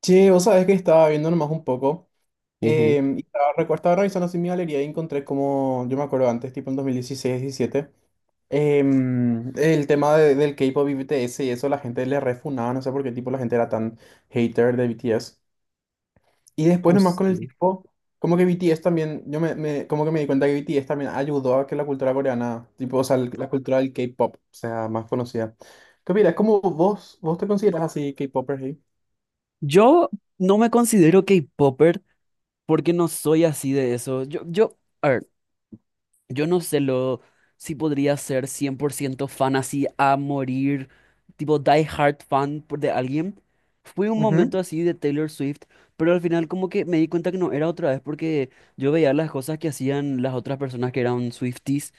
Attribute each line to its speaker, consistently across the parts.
Speaker 1: Che, vos sabés que estaba viendo nomás un poco.
Speaker 2: Ujú.
Speaker 1: Y estaba, estaba revisando así mi galería y encontré como, yo me acuerdo antes, tipo en 2016-17, el tema del K-pop y BTS y eso, la gente le refunaba, no sé por qué tipo la gente era tan hater de BTS. Y después
Speaker 2: No
Speaker 1: nomás con el
Speaker 2: sé.
Speaker 1: tiempo, como que BTS también, como que me di cuenta que BTS también ayudó a que la cultura coreana, tipo, o sea, la cultura del K-pop sea más conocida. ¿Qué opinas? ¿Cómo vos te consideras así K-popper? Sí,
Speaker 2: Yo no me considero K-popper porque no soy así de eso. Yo, a ver, yo no sé lo si podría ser 100% fan así a morir, tipo die hard fan de alguien. Fui un
Speaker 1: ujú,
Speaker 2: momento así de Taylor Swift, pero al final como que me di cuenta que no era otra vez porque yo veía las cosas que hacían las otras personas que eran Swifties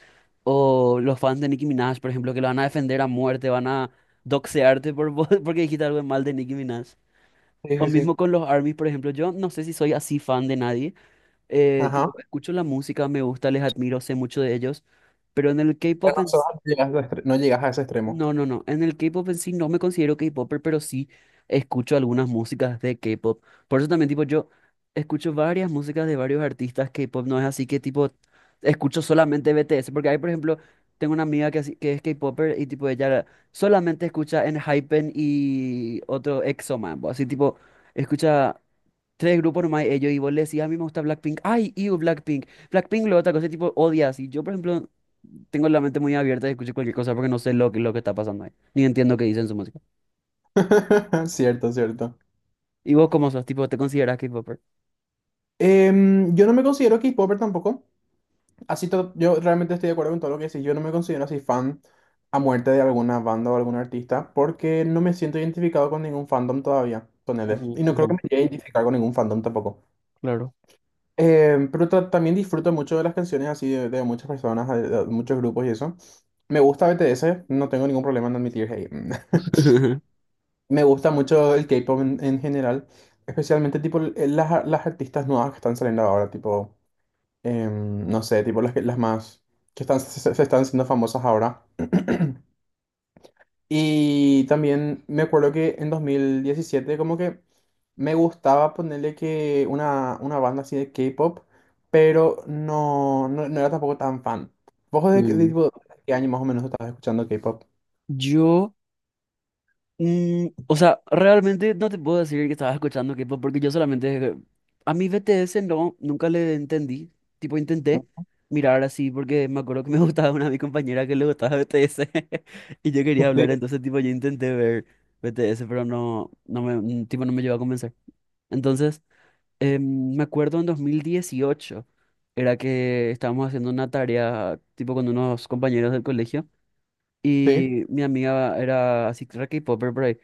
Speaker 2: o los fans de Nicki Minaj, por ejemplo, que lo van a defender a muerte, van a doxearte porque dijiste algo mal de Nicki Minaj. O
Speaker 1: sí, sí,
Speaker 2: mismo con los ARMYs, por ejemplo, yo no sé si soy así fan de nadie.
Speaker 1: sí.
Speaker 2: Tipo, escucho la música, me gusta, les admiro, sé mucho de ellos. Pero en el K-pop
Speaker 1: Bueno,
Speaker 2: en
Speaker 1: eso
Speaker 2: sí,
Speaker 1: no llegas a ese extremo.
Speaker 2: no, no, no. En el K-pop en sí no me considero K-popper, pero sí escucho algunas músicas de K-pop. Por eso también, tipo, yo escucho varias músicas de varios artistas K-pop. No es así que, tipo, escucho solamente BTS. Porque hay, por ejemplo, tengo una amiga que, que es K-popper y, tipo, ella solamente escucha en Hypen y otro EXO, man. Así, tipo, escucha. Tres grupos nomás, ellos, y vos le decís, a mí me gusta Blackpink, ay, ew, Blackpink, Blackpink, lo otra cosa, tipo, odias, y yo, por ejemplo, tengo la mente muy abierta y escucho cualquier cosa porque no sé lo que está pasando ahí, ni entiendo qué dicen su música.
Speaker 1: Cierto, cierto.
Speaker 2: ¿Y vos cómo sos? Tipo, ¿te consideras K-popper?
Speaker 1: Yo no me considero K-popper tampoco. Así yo realmente estoy de acuerdo con todo lo que decís. Yo no me considero así fan a muerte de alguna banda o algún artista porque no me siento identificado con ningún fandom todavía, ponele. Y
Speaker 2: Ujú,
Speaker 1: no creo
Speaker 2: ujú,
Speaker 1: que me llegue a identificar con ningún fandom tampoco.
Speaker 2: claro.
Speaker 1: Pero también disfruto mucho de las canciones así de muchas personas, de muchos grupos y eso. Me gusta BTS, no tengo ningún problema en admitir, hey. Me gusta mucho el K-pop en general, especialmente tipo las artistas nuevas que están saliendo ahora, tipo, no sé, tipo las más que están, se están siendo famosas ahora. Y también me acuerdo que en 2017 como que me gustaba ponerle que una banda así de K-pop, pero no era tampoco tan fan. ¿Vos de, qué- de
Speaker 2: Mm.
Speaker 1: tipo, qué año más o menos estabas escuchando K-pop?
Speaker 2: Yo, o sea, realmente no te puedo decir que estaba escuchando K-pop porque yo solamente a mi BTS no, nunca le entendí. Tipo, intenté mirar así porque me acuerdo que me gustaba una de mis compañeras que le gustaba BTS y yo quería
Speaker 1: Sí,
Speaker 2: hablar, entonces tipo yo intenté ver BTS, pero no, no me, tipo no me llevó a convencer. Entonces, me acuerdo en 2018 era que estábamos haciendo una tarea tipo con unos compañeros del colegio.
Speaker 1: sí,
Speaker 2: Y mi amiga era así, re K-popper por ahí.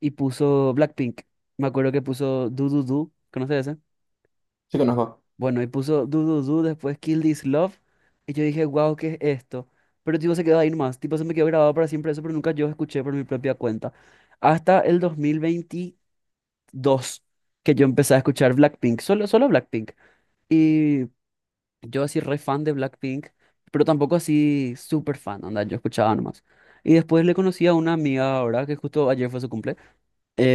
Speaker 2: Y puso Blackpink. Me acuerdo que puso Do Do Do. ¿Conoces ese?
Speaker 1: sí conozco.
Speaker 2: Bueno, y puso Do Do Do, después Kill This Love. Y yo dije, wow, ¿qué es esto? Pero tipo se quedó ahí nomás. Tipo se me quedó grabado para siempre eso, pero nunca yo escuché por mi propia cuenta. Hasta el 2022 que yo empecé a escuchar Blackpink. Solo, solo Blackpink. Y yo así re fan de Blackpink, pero tampoco así súper fan, anda, yo escuchaba nomás. Y después le conocí a una amiga ahora, que justo ayer fue su cumple.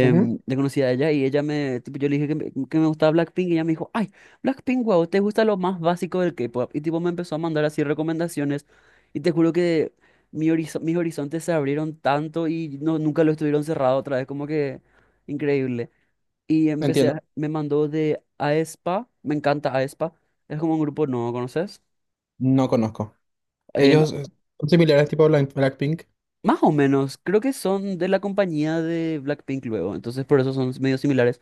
Speaker 1: Ujú,
Speaker 2: Le conocí a ella y ella me, tipo, yo le dije que me gustaba Blackpink y ella me dijo, ay, Blackpink, wow, te gusta lo más básico del K-pop. Y tipo me empezó a mandar así recomendaciones y te juro que mi mis horizontes se abrieron tanto y no, nunca lo estuvieron cerrado otra vez, como que increíble. Y empecé,
Speaker 1: entiendo,
Speaker 2: me mandó de aespa, me encanta aespa, es como un grupo nuevo, ¿conoces?
Speaker 1: no conozco.
Speaker 2: Eh,
Speaker 1: Ellos son similares tipo Blackpink.
Speaker 2: más o menos, creo que son de la compañía de Blackpink luego, entonces por eso son medio similares,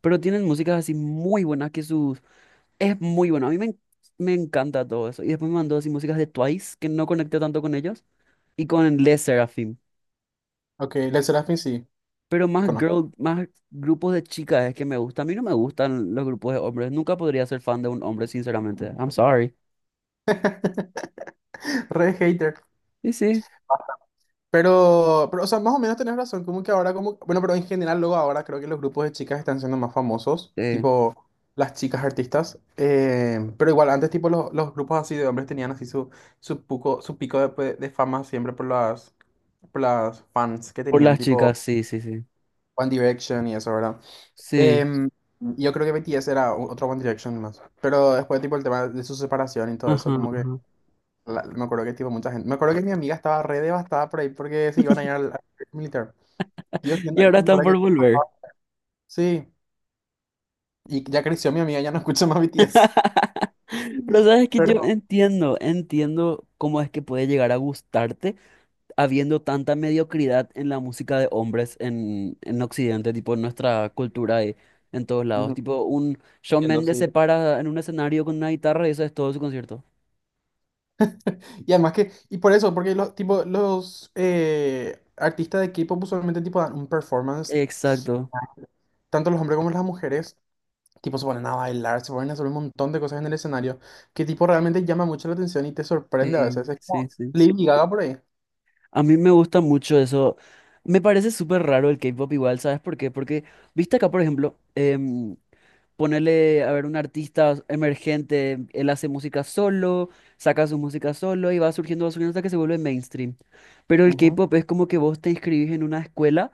Speaker 2: pero tienen músicas así muy buenas que sus. Es muy bueno, a mí me, me encanta todo eso. Y después me mandó así músicas de Twice, que no conecté tanto con ellos, y con Les Seraphim.
Speaker 1: Ok, Led Serafin sí,
Speaker 2: Pero más
Speaker 1: conozco.
Speaker 2: girl, más grupos de chicas es que me gusta. A mí no me gustan los grupos de hombres, nunca podría ser fan de un hombre, sinceramente. I'm sorry.
Speaker 1: Re hater.
Speaker 2: Y sí, sí.
Speaker 1: O sea, más o menos tenés razón, como que ahora, como, bueno, pero en general luego ahora creo que los grupos de chicas están siendo más famosos,
Speaker 2: eh,
Speaker 1: tipo las chicas artistas, pero igual antes tipo los grupos así de hombres tenían así su pico de, pues, de fama siempre por las fans que
Speaker 2: Por
Speaker 1: tenían,
Speaker 2: las
Speaker 1: tipo
Speaker 2: chicas, sí, sí, sí.
Speaker 1: One Direction y eso, ¿verdad?
Speaker 2: Sí.
Speaker 1: Em, yo creo que BTS era otro One Direction más. Pero después, tipo, el tema de su separación y todo eso,
Speaker 2: Ajá,
Speaker 1: como que
Speaker 2: ajá.
Speaker 1: me acuerdo que, tipo, mucha gente. Me acuerdo que mi amiga estaba re devastada por ahí porque se iban a ir al militar. Dios mío,
Speaker 2: Y ahora
Speaker 1: ¿cómo
Speaker 2: están
Speaker 1: para que?
Speaker 2: por volver.
Speaker 1: Sí, y ya creció mi amiga, ya no escucha más BTS.
Speaker 2: Pero sabes que yo
Speaker 1: Pero.
Speaker 2: entiendo, entiendo cómo es que puede llegar a gustarte habiendo tanta mediocridad en la música de hombres en Occidente, tipo en nuestra cultura y en todos lados.
Speaker 1: Ujú,
Speaker 2: Tipo, un Shawn
Speaker 1: entiendo,
Speaker 2: Mendes
Speaker 1: sí.
Speaker 2: se para en un escenario con una guitarra y eso es todo su concierto.
Speaker 1: Y además que, y por eso, porque los, tipo, los artistas de K-pop usualmente tipo dan un performance,
Speaker 2: Exacto,
Speaker 1: tanto los hombres como las mujeres. Tipo, se ponen a bailar, se ponen a hacer un montón de cosas en el escenario que tipo realmente llama mucho la atención y te sorprende a
Speaker 2: sí,
Speaker 1: veces. Es
Speaker 2: sí,
Speaker 1: como
Speaker 2: sí.
Speaker 1: Lady Gaga por ahí.
Speaker 2: A mí me gusta mucho eso. Me parece súper raro el K-pop igual, ¿sabes por qué? Porque, viste acá, por ejemplo, ponerle a ver, un artista emergente, él hace música solo, saca su música solo y va surgiendo hasta que se vuelve mainstream. Pero el
Speaker 1: Ujú.
Speaker 2: K-pop es como que vos te inscribís en una escuela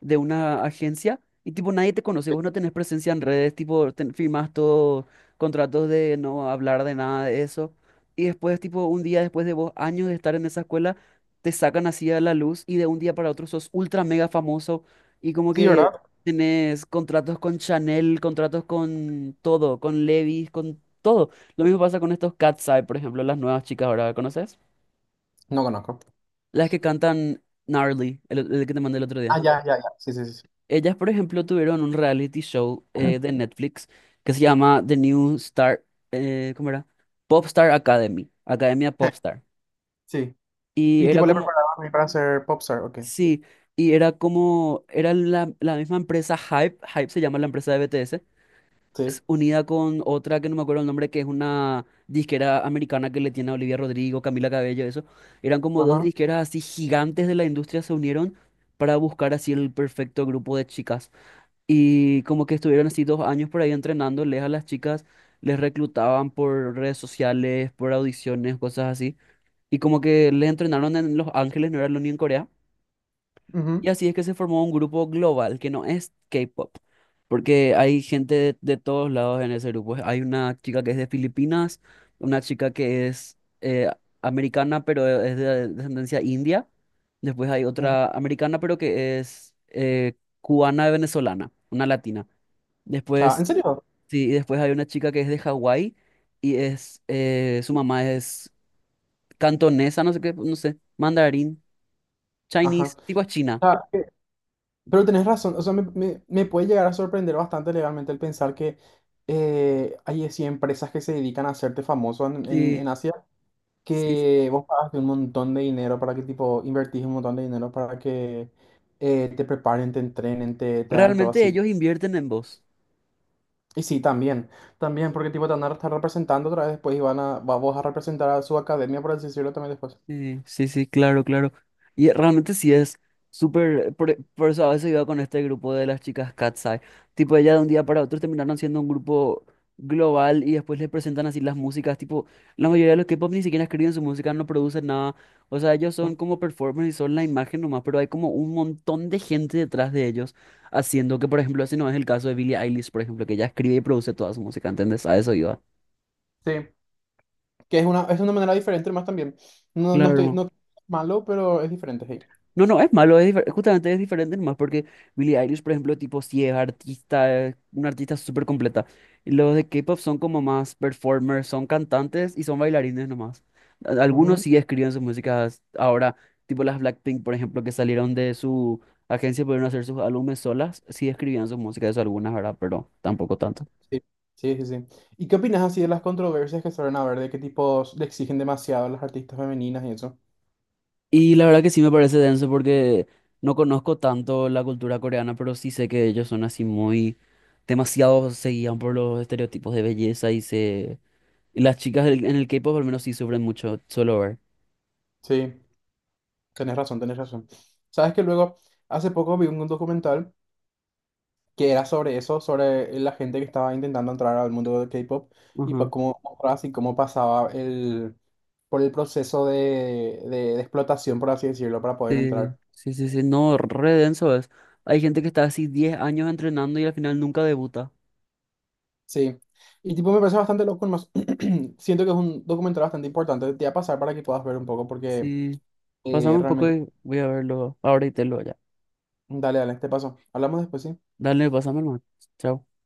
Speaker 2: de una agencia y tipo nadie te conoce, vos no tenés presencia en redes, tipo firmás todos contratos de no hablar de nada de eso. Y después, tipo, un día después de vos, años de estar en esa escuela, te sacan así a la luz y de un día para otro sos ultra mega famoso y como
Speaker 1: Sí,
Speaker 2: que
Speaker 1: ¿verdad?
Speaker 2: tenés contratos con Chanel, contratos con todo, con Levi's, con todo. Lo mismo pasa con estos Cat's Eye, por ejemplo, las nuevas chicas ahora, ¿conoces?
Speaker 1: No conozco.
Speaker 2: Las que cantan Gnarly, el que te mandé el otro día.
Speaker 1: Ah, ya, ya, ya. Sí, sí, sí. Sí.
Speaker 2: Ellas, por ejemplo, tuvieron un reality show de Netflix que se llama The New Star, ¿cómo era? Popstar Academy, Academia Popstar.
Speaker 1: Sí.
Speaker 2: Y
Speaker 1: Y
Speaker 2: era
Speaker 1: tipo le
Speaker 2: como,
Speaker 1: preparaban para ser popstar, ok.
Speaker 2: sí, y era como, era la misma empresa Hype se llama la empresa de BTS,
Speaker 1: Sí.
Speaker 2: es unida con otra que no me acuerdo el nombre, que es una disquera americana que le tiene a Olivia Rodrigo, Camila Cabello, eso. Eran como dos
Speaker 1: Ajá.
Speaker 2: disqueras así gigantes de la industria se unieron para buscar así el perfecto grupo de chicas. Y como que estuvieron así 2 años por ahí entrenándoles a las chicas, les reclutaban por redes sociales, por audiciones, cosas así. Y como que les entrenaron en Los Ángeles, no era lo ni en Corea. Y
Speaker 1: Ujú,
Speaker 2: así es que se formó un grupo global que no es K-pop, porque hay gente de todos lados en ese grupo. Hay una chica que es de Filipinas, una chica que es americana, pero es de descendencia india. Después hay
Speaker 1: ujú.
Speaker 2: otra americana, pero que es cubana venezolana, una latina.
Speaker 1: Cha, ¿en
Speaker 2: Después,
Speaker 1: serio?
Speaker 2: sí, y después hay una chica que es de Hawái y es, su mamá es cantonesa, no sé qué, no sé, mandarín, Chinese,
Speaker 1: Ajá.
Speaker 2: tipo China.
Speaker 1: Cha, pero tenés razón. O sea, me puede llegar a sorprender bastante legalmente el pensar que hay así empresas que se dedican a hacerte famoso
Speaker 2: Sí,
Speaker 1: en Asia,
Speaker 2: sí, sí.
Speaker 1: que vos pagaste un montón de dinero para que, tipo, invertís un montón de dinero para que te preparen, te entrenen, te hagan todo
Speaker 2: Realmente
Speaker 1: así.
Speaker 2: ellos invierten en vos.
Speaker 1: Y sí, también, también, porque, tipo, te van a estar representando otra vez después y van vos a representar a su academia, por así decirlo, también después.
Speaker 2: Sí, sí, sí, claro, claro. Y realmente sí es súper. Por eso a veces iba con este grupo de las chicas Katseye. Tipo, ellas de un día para otro terminaron siendo un grupo global y después les presentan así las músicas. Tipo, la mayoría de los K-pop ni siquiera escriben su música, no producen nada. O sea, ellos son como performers y son la imagen nomás, pero hay como un montón de gente detrás de ellos haciendo que, por ejemplo, ese no es el caso de Billie Eilish, por ejemplo, que ella escribe y produce toda su música, ¿entendés? A eso iba.
Speaker 1: Sí, que es es una manera diferente más también. No, no estoy,
Speaker 2: Claro.
Speaker 1: no es malo, pero es diferente, hey.
Speaker 2: No, no, es malo, es justamente es diferente nomás porque Billie Eilish, por ejemplo, tipo, sí es artista, es una artista súper completa. Los de K-pop son como más performers, son cantantes y son bailarines nomás. Algunos
Speaker 1: Ujú.
Speaker 2: sí escriben sus músicas ahora, tipo las Blackpink, por ejemplo, que salieron de su agencia, pudieron hacer sus álbumes solas, sí escribían sus músicas, eso algunas, ¿verdad? Pero tampoco tanto.
Speaker 1: Sí, sí, sí, sí. ¿Y qué opinas así de las controversias que suelen haber, de qué tipos le exigen demasiado a las artistas femeninas y eso?
Speaker 2: Y la verdad que sí me parece denso porque no conozco tanto la cultura coreana, pero sí sé que ellos son así muy demasiado se guían por los estereotipos de belleza y se. Y las chicas en el K-pop al menos sí sufren mucho, solo ver.
Speaker 1: Sí. Tenés razón, tenés razón. Sabes que luego, hace poco vi un documental que era sobre eso, sobre la gente que estaba intentando entrar al mundo del K-pop y
Speaker 2: Ajá.
Speaker 1: cómo, así cómo pasaba el, por el proceso de explotación, por así decirlo, para poder
Speaker 2: Sí,
Speaker 1: entrar.
Speaker 2: sí, sí, sí, no, re denso es. Hay gente que está así 10 años entrenando y al final nunca debuta.
Speaker 1: Sí. Y tipo, me parece bastante loco, más siento que es un documental bastante importante. Te voy a pasar para que puedas ver un poco porque
Speaker 2: Sí, pasame un poco
Speaker 1: realmente,
Speaker 2: y voy a verlo ahora y te lo ya.
Speaker 1: dale, dale, te paso. Hablamos después, ¿sí?
Speaker 2: Dale, pasame, hermano. Chao.